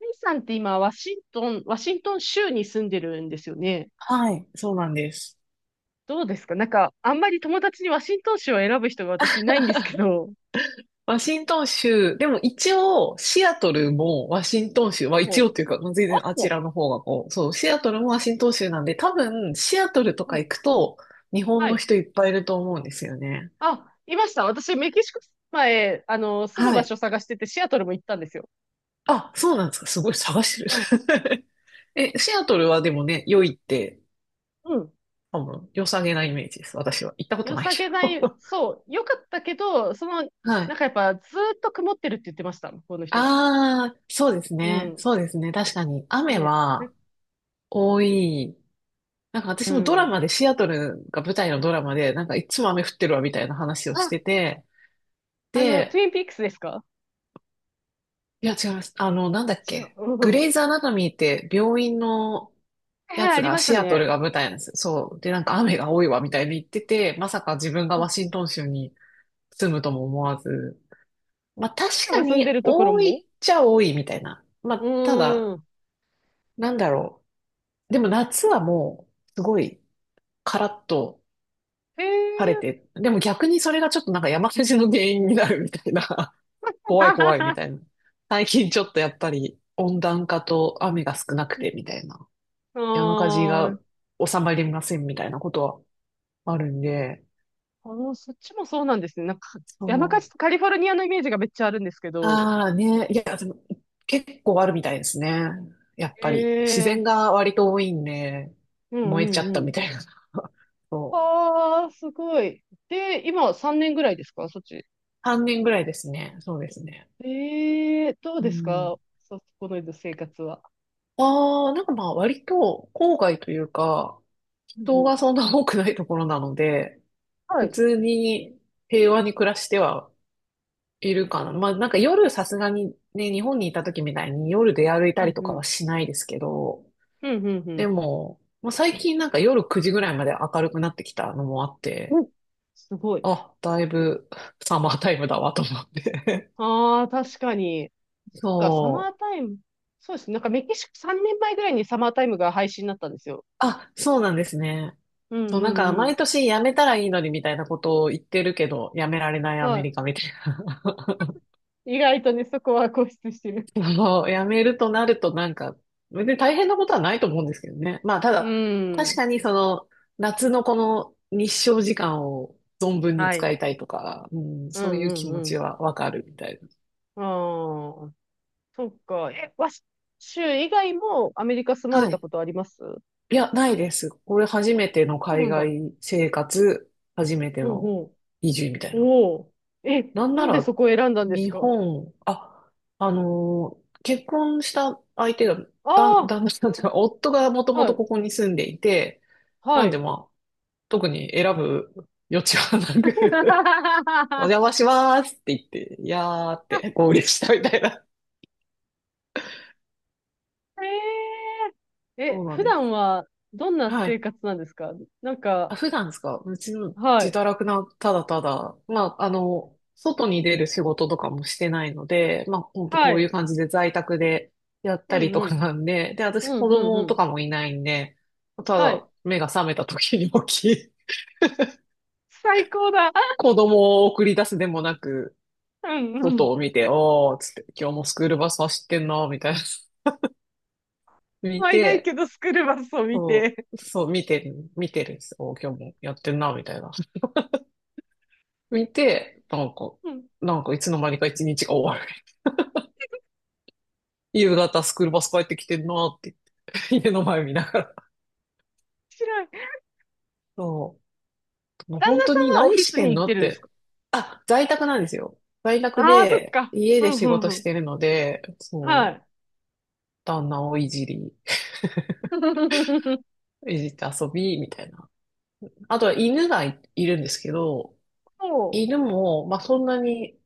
イさんって今、ワシントン州に住んでるんですよね。はい、そうなんです。どうですか？なんか、あんまり友達にワシントン州を選ぶ人が私いないんですけど。ワシントン州、でも一応、シアトうルん。もワシントン州、は一応ほう。というか、全あ、然あちそらの方がこう、そう、シアトルもワシントン州なんで、多分、シアトルとう。うかん。行くと、日本はのい。人いっぱいいると思うんですよね。あ、いました。私、メキシコ前、住むは場い。所探してて、シアトルも行ったんですよ。あ、そうなんですか。すごい探しうん。てる。シアトルはでもね、良いって、うん。多分、良さげなイメージです。私は。行ったこと良ないさけげない、ど。そう、良かったけど、はない。んかやっぱ、ずーっと曇ってるって言ってました、向こうの人が。ああ、そうですうね。ん。そうですね。確かに、雨ね。はね。多い。なんかう私もドラん。マで、シアトルが舞台のドラマで、なんかいつも雨降ってるわみたいな話をしあ、てて、トゥで、インピークスですか？いや違います。あの、なんだっ違う。け。グうん。レイズ・アナトミーって病院のはいやはい、あつりがましたシアトね。ルが舞台なんですよ。そう。で、なんか雨が多いわみたいに言ってて、まさか自分がうワんうシンん。トン州に住むとも思わず。まあ確アリさんかが住んでにるところ多も。いっちゃ多いみたいな。まうあただ、ーん。なんだろう。でも夏はもう、すごいカラッと、へ晴れえ。て、でも逆にそれがちょっとなんか山火事の原因になるみたいな、怖い怖いみた いな。最近ちょっとやっぱり温暖化と雨が少なくてみたいな、あ山火事がー、収まりませんみたいなことはあるんで、そっちもそうなんですね。なんか、そ山火事う。とカリフォルニアのイメージがめっちゃあるんですけど。ああね、いや、でも結構あるみたいですね。やっへぱり自え。然が割と多いんで、うんう燃えちゃったんうん。みたいな。そう。ああ、すごい。で、今3年ぐらいですか、そっち。3年ぐらいですね。そうですね。ええ、どううですん。か、そこの生活は。ああ、なんかまあ割と郊外というか、うん人うん。がそんな多くないところなので、は普い。通に平和に暮らしてはいるかな。まあなんか夜さすがにね、日本にいた時みたいに夜出歩いうたりんとうかはん。しないですけど、うんうんうでん。も、まあ、最近なんか夜9時ぐらいまで明るくなってきたのもあっうて、ん。すごい。あ、だいぶサマータイムだわと思って。ああ、確かに。そっか、サマそーう。タイム。そうですね。なんかメキシコ3年前ぐらいにサマータイムが廃止になったんですよ。あ、そうなんですね。うんそう、うなんか、んうん。毎年辞めたらいいのにみたいなことを言ってるけど、辞められないアメはリカみたいな。い。意外とね、そこは固執してる。そう、辞めるとなるとなんか、別に大変なことはないと思うんですけどね。まあ、たうだ、確ん。かにその、夏のこの日照時間を存分には使い。いたいとか、うん、うそういうん気持うちんはわかるみたいうん。ああ、そっか。え、州以外もアメリカ住な。まれはたい。ことあります？そいや、ないです。これ初めてのうな海んだ。外生活、初めてうんのうん。移住みたいな。おお。え、なんななんでそら、こを選んだんです日か？本、あ、結婚した相手が、あだ、あ旦那さー、んなというるほか、ど。夫がもともはとこい。こに住んでいて、はなんでい。まあ、特に選ぶ余地はなく、 お 邪魔しますって言って、いやーって合流したみたいな。えそえ、うなん普で段す。はどんなは生い。活なんですか？なんあ、か、普段ですか。うちのは自い。堕落な、ただただ、まあ、あの、外に出る仕事とかもしてないので、まあ、ほんとはこういうい。感じで在宅でやったうりんとうかん。なんで、で、う私ん子うんう供とん。かもいないんで、たはい。だ目が覚めた時に起き、最高だ。子供を送り出すでもなく、うんう外ん。を見て、おー、つって、今日もスクールバス走ってんな、みたいな。見毎いけて、どスクールバスを見そて。う、そう、見てる、見てるんです。おー、今日もやってんな、みたいな。見て、なんか、うん。面なんかいつの間にか一日が終わる。夕方スクールバス帰ってきてんなって言って、家の前見ながら。白い。旦 そう。もう那本当にさんはオ何フィしスてにん行っのてっるんですて。か？あ、在宅なんですよ。在宅ああー、そっで、か。家うでん仕うん事うしん。てるので、はそう、い。旦那をいじり、いじって遊び、みたいな。あとは犬がい、いるんですけど、そ犬も、まあそんなに、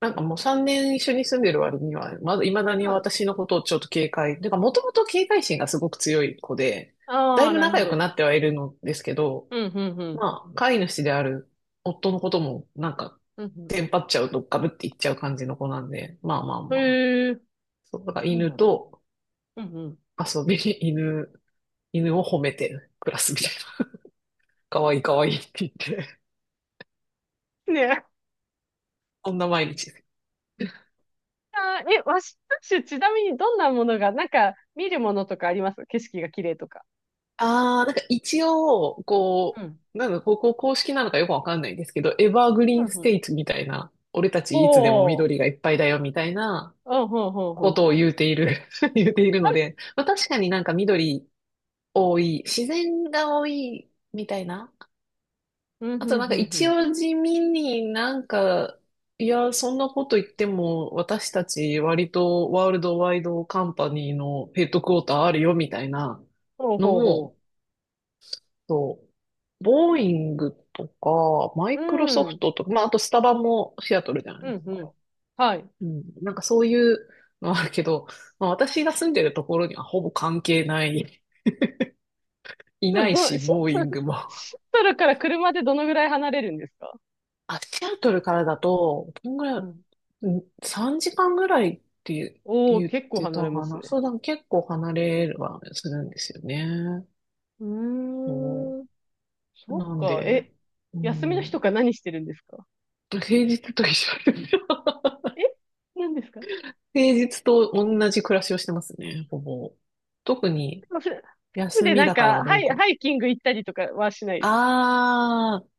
なんかもう3年一緒に住んでる割には、まだ、未だう。にはい。私のことをちょっと警戒、てかもともと警戒心がすごく強い子で、だあいあ、ぶなる仲ほ良くど。なってはいるのですけど、うんうんうん。まあ、飼い主である夫のことも、なんか、うんテンパっちゃうとガブっていっちゃう感じの子なんで、まあまあうん。まあ。へえ。そう、だからそう犬なん。とうんうん。遊び、犬、犬を褒めて暮らすみたいな。かわいいかわいいって言って、ねえ。そんな毎日です。あー、え、ワシントン州、ちなみにどんなものが、なんか、見るものとかあります？景色が綺麗とか。ああ、なんか一応、うこん。う、なんだ、ここ公式なのかよくわかんないんですけど、エバーグリうーンんスうん。テイツみたいな、俺たちいつでもお緑ー、がいっぱいだよみたいなうん、ほうほうこほう。とを言うている、言うているはのい。で、まあ確かになんか緑多い、自然が多いみたいな。うん、あとうん、なんうかん、う一ん。応地味になんか、いや、そんなこと言っても私たち割とワールドワイドカンパニーのヘッドクォーターあるよみたいなほうのほうほも、そう。ボーイングとか、マう。うイクロソん、フうトとか、まあ、あとスタバもシアトルじゃないですん、うか。ん。はい。うん。なんかそういうのはあるけど、まあ、私が住んでるところにはほぼ関係ない、いそなういど、し、シンボーイント、グも。シントルから車でどのぐらい離れるんですか？あ、シアトルからだと、どんぐらうい、ん。うん3時間ぐらいっておー、言っ結構て離たれまかすな。ね。そうだ、結構離れはするんですよね。うそーん。う。そっなんか、で、え、う休みの日とん。か何してるんですか？平日と一緒です。え、何ですか？平日と同じ暮らしをしてますね、ほぼ。特に休で、みなんだからか、どうか。ハイキング行ったりとかはしないです。あー、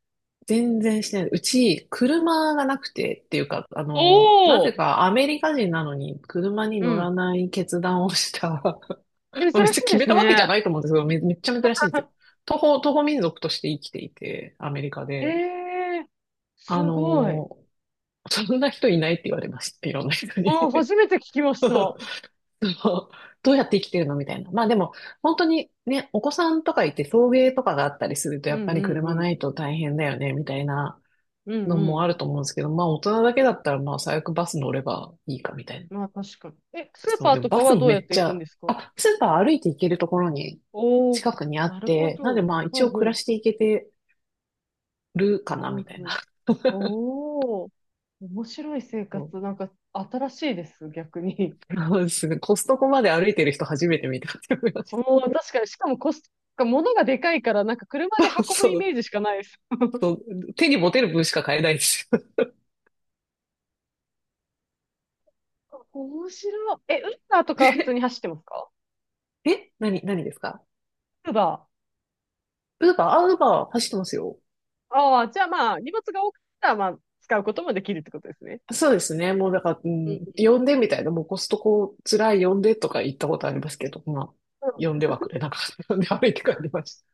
全然してない。うち、車がなくてっていうか、あおの、なぜー。かアメリカ人なのに車にう乗らん。ない決断をした。珍 別しにい決でめすたわけじゃね。ないと思うんですけど、め、めっちゃ珍しいんですよ。徒歩、徒歩民族として生きていて、アメリカえで。えー、すあごい。の、そんな人いないって言われました。いろんな人に。あー、初めて聞きました。そう、どうやって生きてるのみたいな。まあでも、本当にね、お子さんとかいて送迎とかがあったりすると、やうっんうぱんり車うん。ないと大変だよね、みたいなうのんうもあん。ると思うんですけど、まあ大人だけだったら、まあ最悪バス乗ればいいか、みたいな。まあ確かに。え、スーそう、パーでもとバかスはもどうめやっってち行くんゃ、ですか？あ、スーパー歩いて行けるところにおおー。近くにあなっるほて、なんでど。まあ一ほう応暮らほしていけてるかな、う。うみんたいうな。ん。おー、面白い生そう活、なんか新しいです、逆に。そうですね。コストコまで歩いてる人初めて見たって思いましおお、確かに、しかもコスト、なんか物がでかいから、なんか車でた。運ぶそイメう、ージしかないです。そう、手に持てる分しか買えないですよ面白い。え、ウーバーとかは普通にね。走ってますか？え何、何ですか。ウーバウーバー、あ、ウーバー走ってますよ。ー。ああ、じゃあまあ、荷物が多かったら、まあ、使うこともできるってことですね。そうですね。もうだから、ううんん、う呼んでみたいな、もうコストコ辛い呼んでとか言ったことありますけど、まあ、んう呼んん。ではくれなかった。呼んで歩いて帰りまし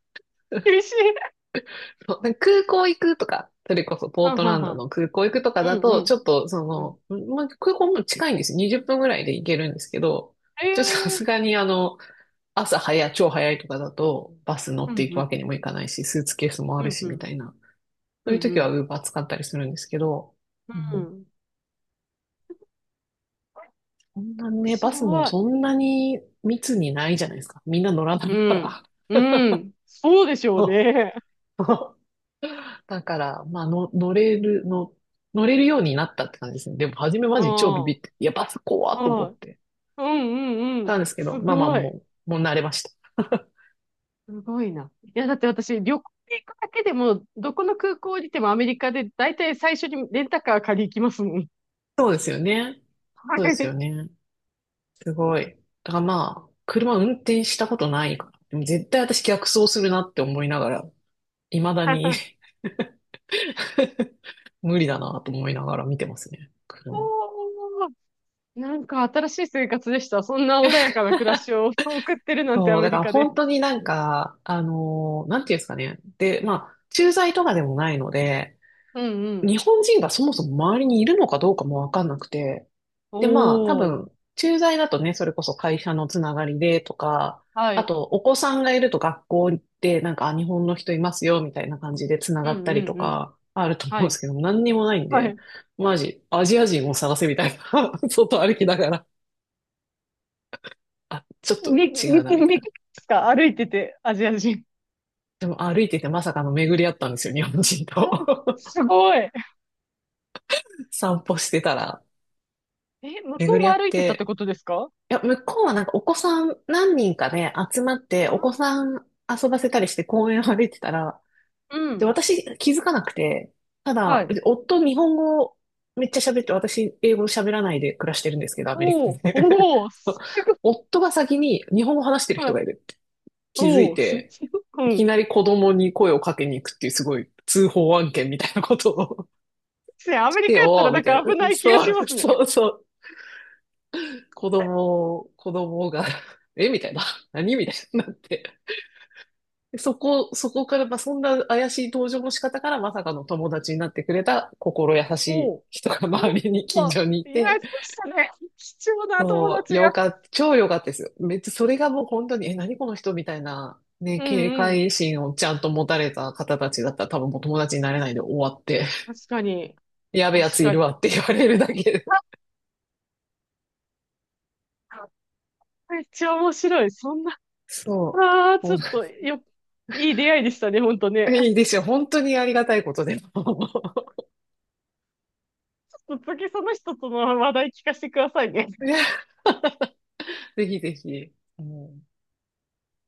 た。厳しい。そう、なんか空港行くとか、それこそポーはんトはんランはドん。の空港行くとかうだんうと、ちん。ょっとそうん。の、まあ、空港も近いんですよ。20分ぐらいで行けるんですけど、えちょっとさえ。すがにあの、朝早い、超早いとかだと、バス乗うってんいうくわけん。にもいかないし、スーツケースもあうるんし、うみん。たいな。うそういうんう時は ん。Uber 使ったりするんですけど、ううん、ん。そんな面ね、白バスもい。そんなに密にないじゃないですか。みんな乗らないかうん。ら。うん。そうでしょうね。だから、まあの、乗れる、の、乗れるようになったって感じですね。でも、初めうマん。ジ超ビビって、いや、バス怖っと思はっい。てうんうんうん。たんですけど、すまあまあ、ごい。もう、もう慣れました。すごいな。いや、だって私、旅行に行くだけでも、どこの空港降りてもアメリカで、だいたい最初にレンタカー借り行きますもん。そうですよね。はそうですよい。ね。すごい。だからまあ、車運転したことないから。でも絶対私逆走するなって思いながら、未だに 無理だなと思いながら見てますね、車。おー。なんか新しい生活でした。そんな穏やかな暮らしを 送ってるなんてアそう、メだかリらカで。本当になんか、なんていうんですかね。で、まあ、駐在とかでもないので、うんうん。日本人がそもそも周りにいるのかどうかもわかんなくて、おで、まあ、多ー。分、駐在だとね、それこそ会社のつながりでとか、はあい。と、お子さんがいると学校で、なんか、あ日本の人いますよ、みたいな感じでつなうがんったりうとんうん。か、あると思うはんでい。すけど、何にもないんはで、い。マジ、アジア人を探せみたいな、外歩きながら、あ、ちょっとみ、違うな、み、みたいみ、な。ですか？歩いてて、アジア人。でも歩いててまさかの巡り合ったんですよ、日本人 うん。と。すごい。散歩してたら、え、向こ巡うりも合っ歩いてたってて。ことですか？いや、向こうはなんかお子さん何人かで集まって、あ、お子さん遊ばせたりして公園を歩いてたら、うで、ん。私気づかなくて、たはだ、い。夫日本語めっちゃ喋って、私英語喋らないで暮らしてるんですけど、アメリおカお、で。おお、す ごい。夫が先に日本語話してるは人がい。いるって気づおいお、す。て、ういきん。なり子供に声をかけに行くっていうすごい通報案件みたいなことを ね、アしメリてカやったらよ、なみんたいかな。危ない気がそしう、ますね。そうそう。子供、子供が え、みたいな。何みたいになって。でそこ、そこから、まあ、そんな怪しい登場の仕方からまさかの友達になってくれた心優しおいお、人がお周りに、近お、所にいいや、て、そうしたね。貴重な友そう、達よが。かった、超よかったですよ。めっちゃ、それがもう本当に、え、何この人みたいな、ね、うん警うん。戒心をちゃんと持たれた方たちだったら多分もう友達になれないで終わって。確かに。やべえや確ついかるわに。って言われるだけで。あ、めっちゃ面白い。そんな、そああ、う。ちもょうっと、よ、いい出会いでしたね、ほんとね。いいですよ。本当にありがたいことでも。ちょっと次その人との話題聞かせてくださいね。いや、ぜひぜひ。もうん